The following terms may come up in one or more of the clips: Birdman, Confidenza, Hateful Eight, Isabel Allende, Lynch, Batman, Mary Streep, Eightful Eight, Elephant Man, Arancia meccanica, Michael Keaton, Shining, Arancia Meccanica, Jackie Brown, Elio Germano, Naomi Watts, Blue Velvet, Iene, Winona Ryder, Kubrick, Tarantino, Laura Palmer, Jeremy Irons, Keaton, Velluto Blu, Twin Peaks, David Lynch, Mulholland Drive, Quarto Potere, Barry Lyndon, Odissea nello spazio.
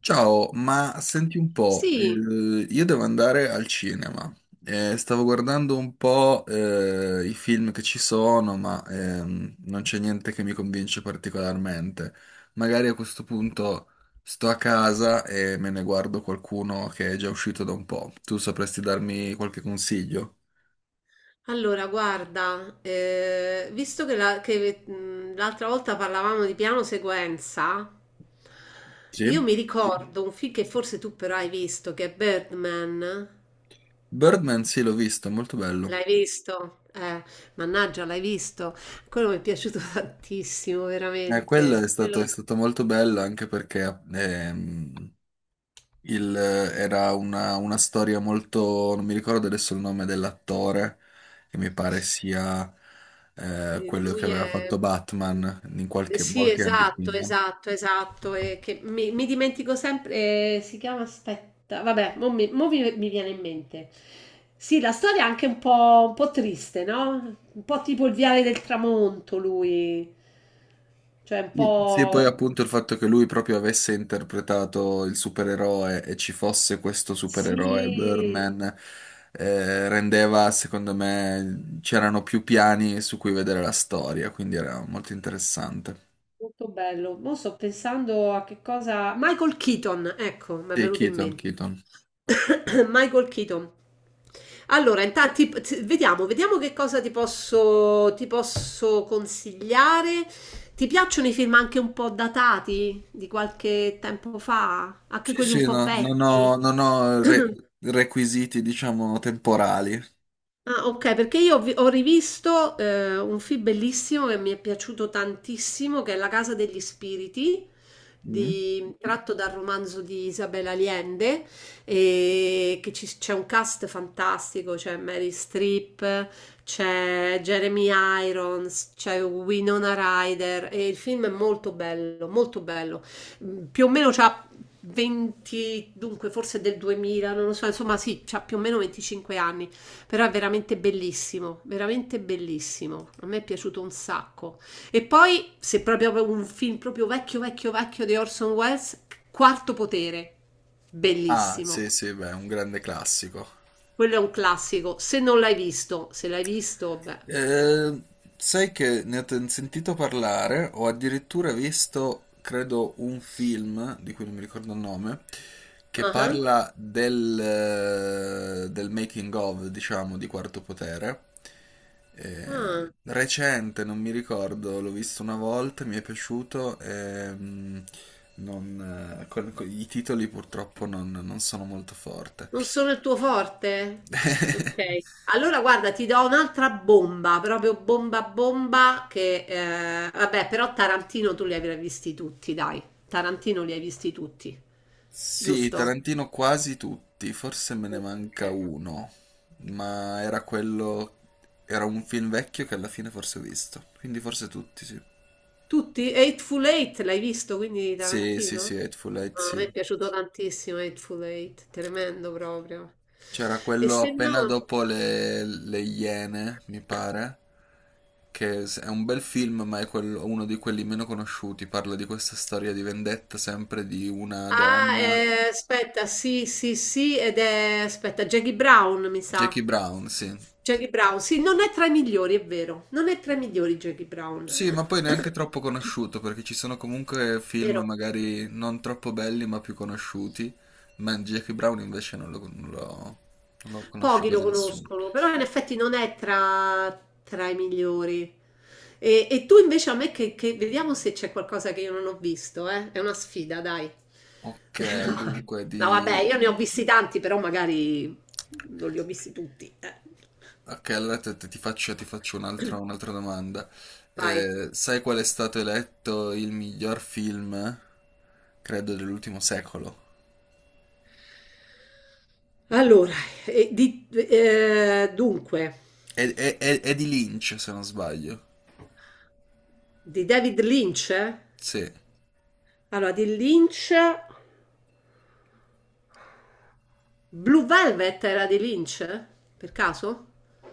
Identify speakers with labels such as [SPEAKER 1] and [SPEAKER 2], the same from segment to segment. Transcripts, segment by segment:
[SPEAKER 1] Ciao, ma senti un po',
[SPEAKER 2] Sì,
[SPEAKER 1] io devo andare al cinema. Stavo guardando un po', i film che ci sono, ma non c'è niente che mi convince particolarmente. Magari a questo punto sto a casa e me ne guardo qualcuno che è già uscito da un po'. Tu sapresti darmi qualche consiglio?
[SPEAKER 2] allora guarda, visto che l'altra volta parlavamo di piano sequenza,
[SPEAKER 1] Sì?
[SPEAKER 2] io mi ricordo un film che forse tu però hai visto, che è Birdman.
[SPEAKER 1] Birdman, sì, l'ho visto, è molto bello.
[SPEAKER 2] L'hai visto? Mannaggia, l'hai visto. Quello mi è piaciuto tantissimo,
[SPEAKER 1] Quello è
[SPEAKER 2] veramente.
[SPEAKER 1] stato,
[SPEAKER 2] Quello...
[SPEAKER 1] è stato molto bello anche perché era una storia molto, non mi ricordo adesso il nome dell'attore, che mi pare sia
[SPEAKER 2] E
[SPEAKER 1] quello che
[SPEAKER 2] lui
[SPEAKER 1] aveva
[SPEAKER 2] è...
[SPEAKER 1] fatto Batman in qualche,
[SPEAKER 2] Sì,
[SPEAKER 1] molti anni
[SPEAKER 2] esatto,
[SPEAKER 1] prima.
[SPEAKER 2] esatto, esatto. E che mi dimentico sempre. Si chiama, aspetta, vabbè, mi viene in mente. Sì, la storia è anche un po' triste, no? Un po' tipo il viale del tramonto, lui. Cioè, un
[SPEAKER 1] Sì, sì, poi
[SPEAKER 2] po'...
[SPEAKER 1] appunto il fatto che lui proprio avesse interpretato il supereroe e ci fosse questo supereroe,
[SPEAKER 2] Sì,
[SPEAKER 1] Birdman, rendeva, secondo me, c'erano più piani su cui vedere la storia, quindi era molto interessante.
[SPEAKER 2] molto bello. Mo' sto pensando a che cosa... Michael Keaton, ecco, mi è
[SPEAKER 1] Sì,
[SPEAKER 2] venuto in
[SPEAKER 1] Keaton,
[SPEAKER 2] mente.
[SPEAKER 1] Keaton.
[SPEAKER 2] Michael Keaton. Allora, intanto vediamo, vediamo che cosa ti posso consigliare. Ti piacciono i film anche un po' datati, di qualche tempo fa? Anche
[SPEAKER 1] Sì,
[SPEAKER 2] quelli un
[SPEAKER 1] sì,
[SPEAKER 2] po' vecchi?
[SPEAKER 1] non ho requisiti, diciamo, temporali.
[SPEAKER 2] Ah, ok, perché ho rivisto un film bellissimo che mi è piaciuto tantissimo, che è La Casa degli Spiriti,
[SPEAKER 1] Mm?
[SPEAKER 2] tratto dal romanzo di Isabel Allende, e che c'è un cast fantastico, c'è Mary Streep, c'è Jeremy Irons, c'è Winona Ryder, e il film è molto bello, molto bello. Mm, più o meno c'ha 20, dunque forse del 2000, non lo so, insomma sì, c'ha più o meno 25 anni però è veramente bellissimo, veramente bellissimo. A me è piaciuto un sacco. E poi, se proprio un film proprio vecchio, vecchio, vecchio di Orson Welles, Quarto Potere,
[SPEAKER 1] Ah,
[SPEAKER 2] bellissimo.
[SPEAKER 1] sì, sì, beh, è un grande classico.
[SPEAKER 2] Quello è un classico. Se non l'hai visto, se l'hai visto, beh.
[SPEAKER 1] Eh, sai che sentito parlare, ho addirittura visto, credo, un film, di cui non mi ricordo il nome, che
[SPEAKER 2] Ah,
[SPEAKER 1] parla del, del making of, diciamo, di Quarto Potere.
[SPEAKER 2] ah.
[SPEAKER 1] Recente, non mi ricordo, l'ho visto una volta, mi è piaciuto. Non, i titoli purtroppo non sono molto forte.
[SPEAKER 2] Non sono il tuo forte? Ok. Allora guarda, ti do un'altra bomba, proprio bomba bomba che vabbè, però Tarantino tu li avrai visti tutti, dai. Tarantino li hai visti tutti.
[SPEAKER 1] Sì,
[SPEAKER 2] Giusto?
[SPEAKER 1] Tarantino quasi tutti, forse me ne
[SPEAKER 2] Ok.
[SPEAKER 1] manca uno, ma era quello, era un film vecchio che alla fine forse ho visto, quindi forse tutti, sì.
[SPEAKER 2] Tutti? Eightful Eight l'hai visto, quindi
[SPEAKER 1] Sì, sì,
[SPEAKER 2] Tarantino?
[SPEAKER 1] sì, Hateful Eight,
[SPEAKER 2] No, a
[SPEAKER 1] sì.
[SPEAKER 2] me è piaciuto tantissimo Eightful Eight, tremendo proprio.
[SPEAKER 1] C'era
[SPEAKER 2] E
[SPEAKER 1] quello
[SPEAKER 2] se
[SPEAKER 1] appena
[SPEAKER 2] no
[SPEAKER 1] dopo le Iene, mi pare, è un bel film, ma è uno di quelli meno conosciuti, parla di questa storia di vendetta sempre di una
[SPEAKER 2] ah,
[SPEAKER 1] donna,
[SPEAKER 2] aspetta, sì, sì, sì, ed è aspetta, Jackie Brown, mi sa.
[SPEAKER 1] Jackie Brown, sì.
[SPEAKER 2] Jackie Brown, sì, non è tra i migliori, è vero, non è tra i migliori Jackie Brown,
[SPEAKER 1] Sì, ma poi
[SPEAKER 2] è
[SPEAKER 1] neanche troppo conosciuto, perché ci sono comunque film
[SPEAKER 2] vero,
[SPEAKER 1] magari non troppo belli, ma più conosciuti. Ma Jackie Brown invece non lo conosce
[SPEAKER 2] pochi lo
[SPEAKER 1] quasi nessuno.
[SPEAKER 2] conoscono, però in effetti non è tra, tra i migliori. E tu invece a me vediamo se c'è qualcosa che io non ho visto, eh? È una sfida, dai.
[SPEAKER 1] Ok, dunque
[SPEAKER 2] No, vabbè,
[SPEAKER 1] di...
[SPEAKER 2] io ne ho visti tanti, però magari non li ho visti tutti.
[SPEAKER 1] Ok, allora ti faccio un'altra domanda.
[SPEAKER 2] Vai.
[SPEAKER 1] Sai qual è stato eletto il miglior film, credo, dell'ultimo secolo?
[SPEAKER 2] Allora, dunque,
[SPEAKER 1] È di Lynch, se non sbaglio.
[SPEAKER 2] di David Lynch? Eh?
[SPEAKER 1] Sì.
[SPEAKER 2] Allora, di Lynch, Blue Velvet era di Lynch? Per caso?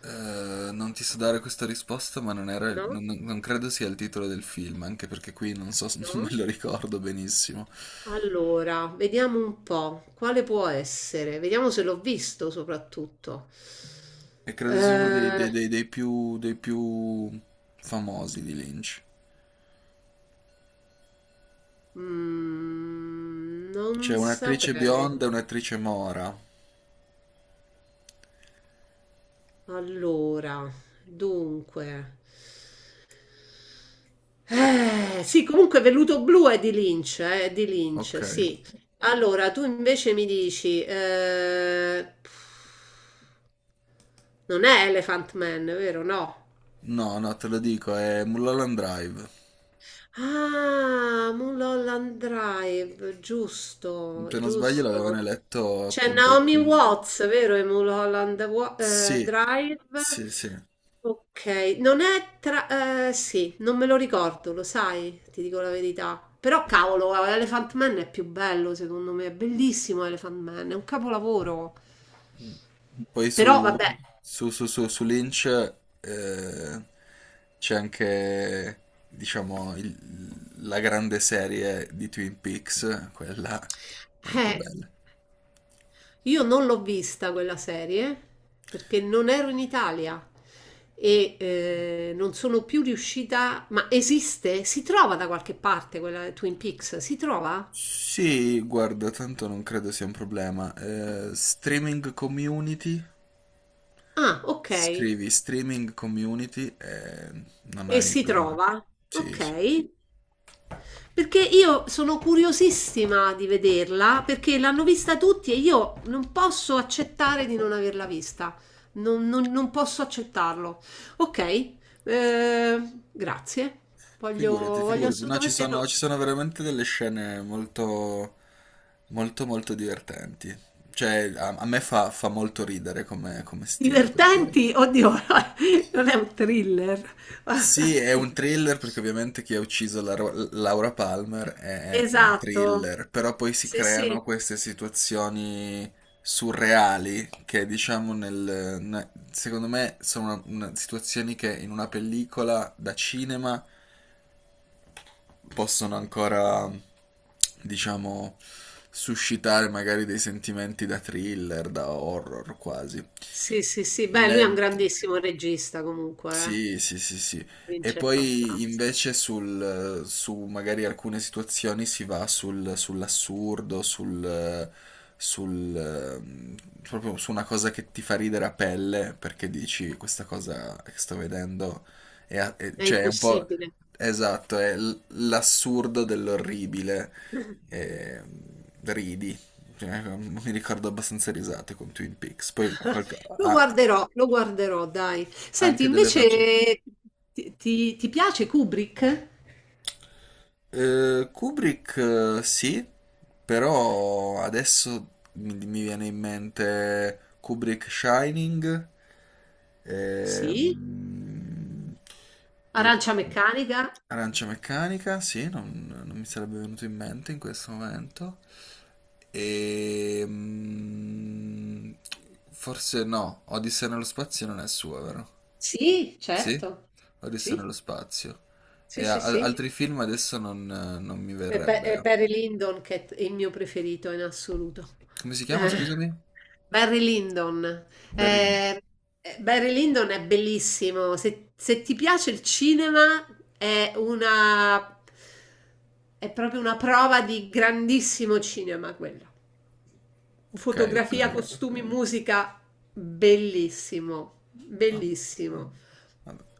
[SPEAKER 1] Non ti so dare questa risposta, ma non era,
[SPEAKER 2] No?
[SPEAKER 1] non credo sia il titolo del film, anche perché qui non so, non me
[SPEAKER 2] No?
[SPEAKER 1] lo ricordo benissimo.
[SPEAKER 2] Allora, vediamo un po', quale può essere? Vediamo se l'ho visto soprattutto.
[SPEAKER 1] E credo sia uno
[SPEAKER 2] Eh,
[SPEAKER 1] dei più famosi di Lynch. C'è
[SPEAKER 2] Non
[SPEAKER 1] un'attrice
[SPEAKER 2] saprei.
[SPEAKER 1] bionda e un'attrice mora.
[SPEAKER 2] Allora, dunque. Sì, comunque Velluto Blu è di
[SPEAKER 1] Ok.
[SPEAKER 2] Lynch, sì. Allora, tu invece mi dici, non è Elephant Man, vero? No.
[SPEAKER 1] No, no, te lo dico, è Mulholland Drive.
[SPEAKER 2] Ah, Mulholland Drive, giusto,
[SPEAKER 1] Se non sbaglio l'avevano
[SPEAKER 2] giusto.
[SPEAKER 1] eletto
[SPEAKER 2] C'è
[SPEAKER 1] appunto i
[SPEAKER 2] Naomi
[SPEAKER 1] film.
[SPEAKER 2] Watts, vero? E Mulholland
[SPEAKER 1] Sì,
[SPEAKER 2] Drive.
[SPEAKER 1] sì, sì.
[SPEAKER 2] Ok, non è tra... sì, non me lo ricordo, lo sai, ti dico la verità. Però cavolo, Elephant Man è più bello, secondo me, è bellissimo Elephant Man, è un capolavoro.
[SPEAKER 1] Poi
[SPEAKER 2] Però vabbè,
[SPEAKER 1] su Lynch eh, c'è anche, diciamo, la grande serie di Twin Peaks, quella molto
[SPEAKER 2] eh,
[SPEAKER 1] bella.
[SPEAKER 2] io non l'ho vista quella serie perché non ero in Italia e non sono più riuscita... Ma esiste? Si trova da qualche parte quella Twin Peaks? Si trova?
[SPEAKER 1] Sì, guarda, tanto non credo sia un problema. Streaming community,
[SPEAKER 2] Ah, ok.
[SPEAKER 1] scrivi streaming community e non
[SPEAKER 2] E
[SPEAKER 1] hai
[SPEAKER 2] si
[SPEAKER 1] problemi.
[SPEAKER 2] trova? Ok.
[SPEAKER 1] Sì, sì.
[SPEAKER 2] Perché io sono curiosissima di vederla, perché l'hanno vista tutti e io non posso accettare di non averla vista. Non posso accettarlo. Ok, eh, grazie. Voglio,
[SPEAKER 1] Figurati,
[SPEAKER 2] voglio
[SPEAKER 1] figurati. No,
[SPEAKER 2] assolutamente no.
[SPEAKER 1] ci sono veramente delle scene molto divertenti. Cioè, a me fa molto ridere come stile, perché...
[SPEAKER 2] Divertenti? Oddio, non è un thriller.
[SPEAKER 1] Sì, è un thriller, perché ovviamente chi ha ucciso Laura Palmer è un
[SPEAKER 2] Esatto.
[SPEAKER 1] thriller, però poi si
[SPEAKER 2] Sì, sì,
[SPEAKER 1] creano queste situazioni surreali che, diciamo, secondo me sono situazioni che in una pellicola da cinema possono ancora, diciamo, suscitare magari dei sentimenti da thriller, da horror quasi.
[SPEAKER 2] sì, sì, sì. Beh, lui è un
[SPEAKER 1] Mentre...
[SPEAKER 2] grandissimo regista comunque, eh.
[SPEAKER 1] Sì, sì, sì, sì.
[SPEAKER 2] Non
[SPEAKER 1] E
[SPEAKER 2] c'è
[SPEAKER 1] poi
[SPEAKER 2] fantas
[SPEAKER 1] invece sul, su magari alcune situazioni si va sull'assurdo, sul, ehm, proprio su una cosa che ti fa ridere a pelle perché dici questa cosa che sto vedendo
[SPEAKER 2] è
[SPEAKER 1] cioè è un po'
[SPEAKER 2] impossibile.
[SPEAKER 1] esatto, l'assurdo dell'orribile. E, ridi. Cioè, mi ricordo abbastanza risate con Twin Peaks. Poi qualche... ah,
[SPEAKER 2] Lo guarderò, dai. Senti,
[SPEAKER 1] anche delle facce.
[SPEAKER 2] invece ti piace Kubrick?
[SPEAKER 1] Kubrick sì, però adesso mi viene in mente Kubrick Shining
[SPEAKER 2] Sì.
[SPEAKER 1] ehm, e
[SPEAKER 2] Arancia meccanica?
[SPEAKER 1] Arancia Meccanica, sì, non mi sarebbe venuto in mente in questo momento. E, mm, forse no, Odissea nello spazio non è sua, vero?
[SPEAKER 2] Sì,
[SPEAKER 1] Sì?
[SPEAKER 2] certo.
[SPEAKER 1] Odissea
[SPEAKER 2] Sì,
[SPEAKER 1] nello spazio. E
[SPEAKER 2] sì, sì, sì.
[SPEAKER 1] altri film adesso non mi
[SPEAKER 2] E,
[SPEAKER 1] verrebbe.
[SPEAKER 2] Barry Lyndon che è il mio preferito in assoluto.
[SPEAKER 1] Come si chiama, scusami?
[SPEAKER 2] Barry Lyndon.
[SPEAKER 1] Barry. Lyndon.
[SPEAKER 2] Eh, Barry Lyndon è bellissimo. Se ti piace il cinema, è una, è proprio una prova di grandissimo cinema quello.
[SPEAKER 1] Ok, ok.
[SPEAKER 2] Fotografia, costumi, musica, bellissimo,
[SPEAKER 1] Vabbè,
[SPEAKER 2] bellissimo.
[SPEAKER 1] vabbè.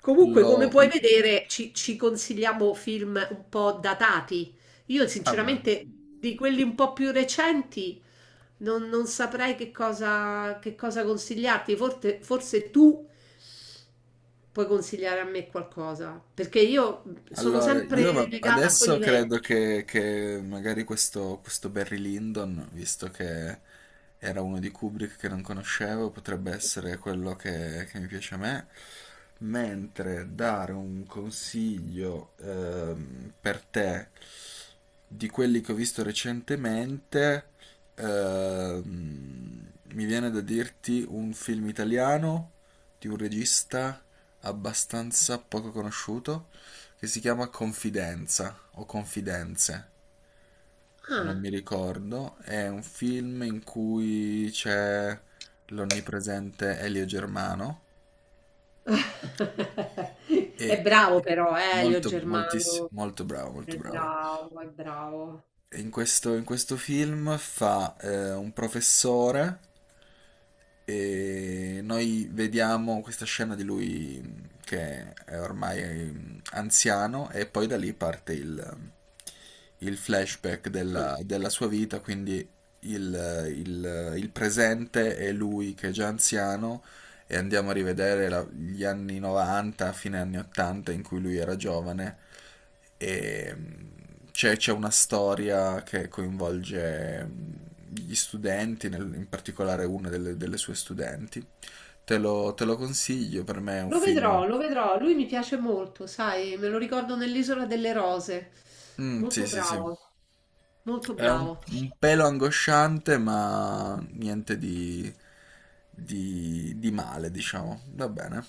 [SPEAKER 2] Comunque, come
[SPEAKER 1] Lo...
[SPEAKER 2] puoi vedere, ci consigliamo film un po' datati. Io,
[SPEAKER 1] Vabbè.
[SPEAKER 2] sinceramente, di quelli un po' più recenti. Non saprei che cosa consigliarti. Forse, forse tu puoi consigliare a me qualcosa, perché io sono
[SPEAKER 1] Allora,
[SPEAKER 2] sempre legata a
[SPEAKER 1] adesso
[SPEAKER 2] quelli
[SPEAKER 1] credo
[SPEAKER 2] vecchi.
[SPEAKER 1] che magari questo Barry Lyndon, visto che era uno di Kubrick che non conoscevo, potrebbe essere quello che mi piace a me. Mentre dare un consiglio per te di quelli che ho visto recentemente, mi viene da dirti un film italiano di un regista abbastanza poco conosciuto che si chiama Confidenza o Confidenze, non
[SPEAKER 2] Ah.
[SPEAKER 1] mi ricordo. È un film in cui c'è l'onnipresente Elio Germano
[SPEAKER 2] È
[SPEAKER 1] e
[SPEAKER 2] bravo però, Elio
[SPEAKER 1] molto,
[SPEAKER 2] Germano.
[SPEAKER 1] molto bravo, molto
[SPEAKER 2] È
[SPEAKER 1] bravo.
[SPEAKER 2] bravo, è bravo.
[SPEAKER 1] E in in questo film fa un professore e noi vediamo questa scena di lui che è ormai anziano e poi da lì parte il flashback
[SPEAKER 2] Ah,
[SPEAKER 1] della sua vita, quindi il presente è lui che è già anziano e andiamo a rivedere gli anni 90, fine anni 80 in cui lui era giovane e c'è una storia che coinvolge gli studenti, in particolare una delle sue studenti. Te lo consiglio, per me è un
[SPEAKER 2] lo vedrò,
[SPEAKER 1] film...
[SPEAKER 2] lo vedrò. Lui mi piace molto, sai, me lo ricordo nell'Isola delle Rose.
[SPEAKER 1] Mm, sì,
[SPEAKER 2] Molto
[SPEAKER 1] sì, sì.
[SPEAKER 2] bravo, molto
[SPEAKER 1] È
[SPEAKER 2] bravo.
[SPEAKER 1] un pelo angosciante, ma niente di male, diciamo. Va bene.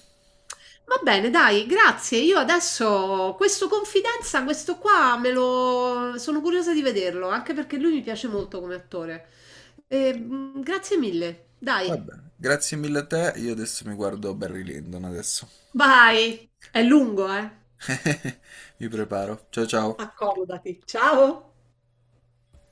[SPEAKER 2] Va bene, dai, grazie. Io adesso questo Confidenza, questo qua me lo sono curiosa di vederlo, anche perché lui mi piace molto come attore. E, mm, grazie mille. Dai,
[SPEAKER 1] Va bene, grazie mille a te. Io adesso mi guardo Barry Lyndon adesso.
[SPEAKER 2] vai. È lungo, eh.
[SPEAKER 1] Mi preparo. Ciao ciao.
[SPEAKER 2] Accomodati. Ciao!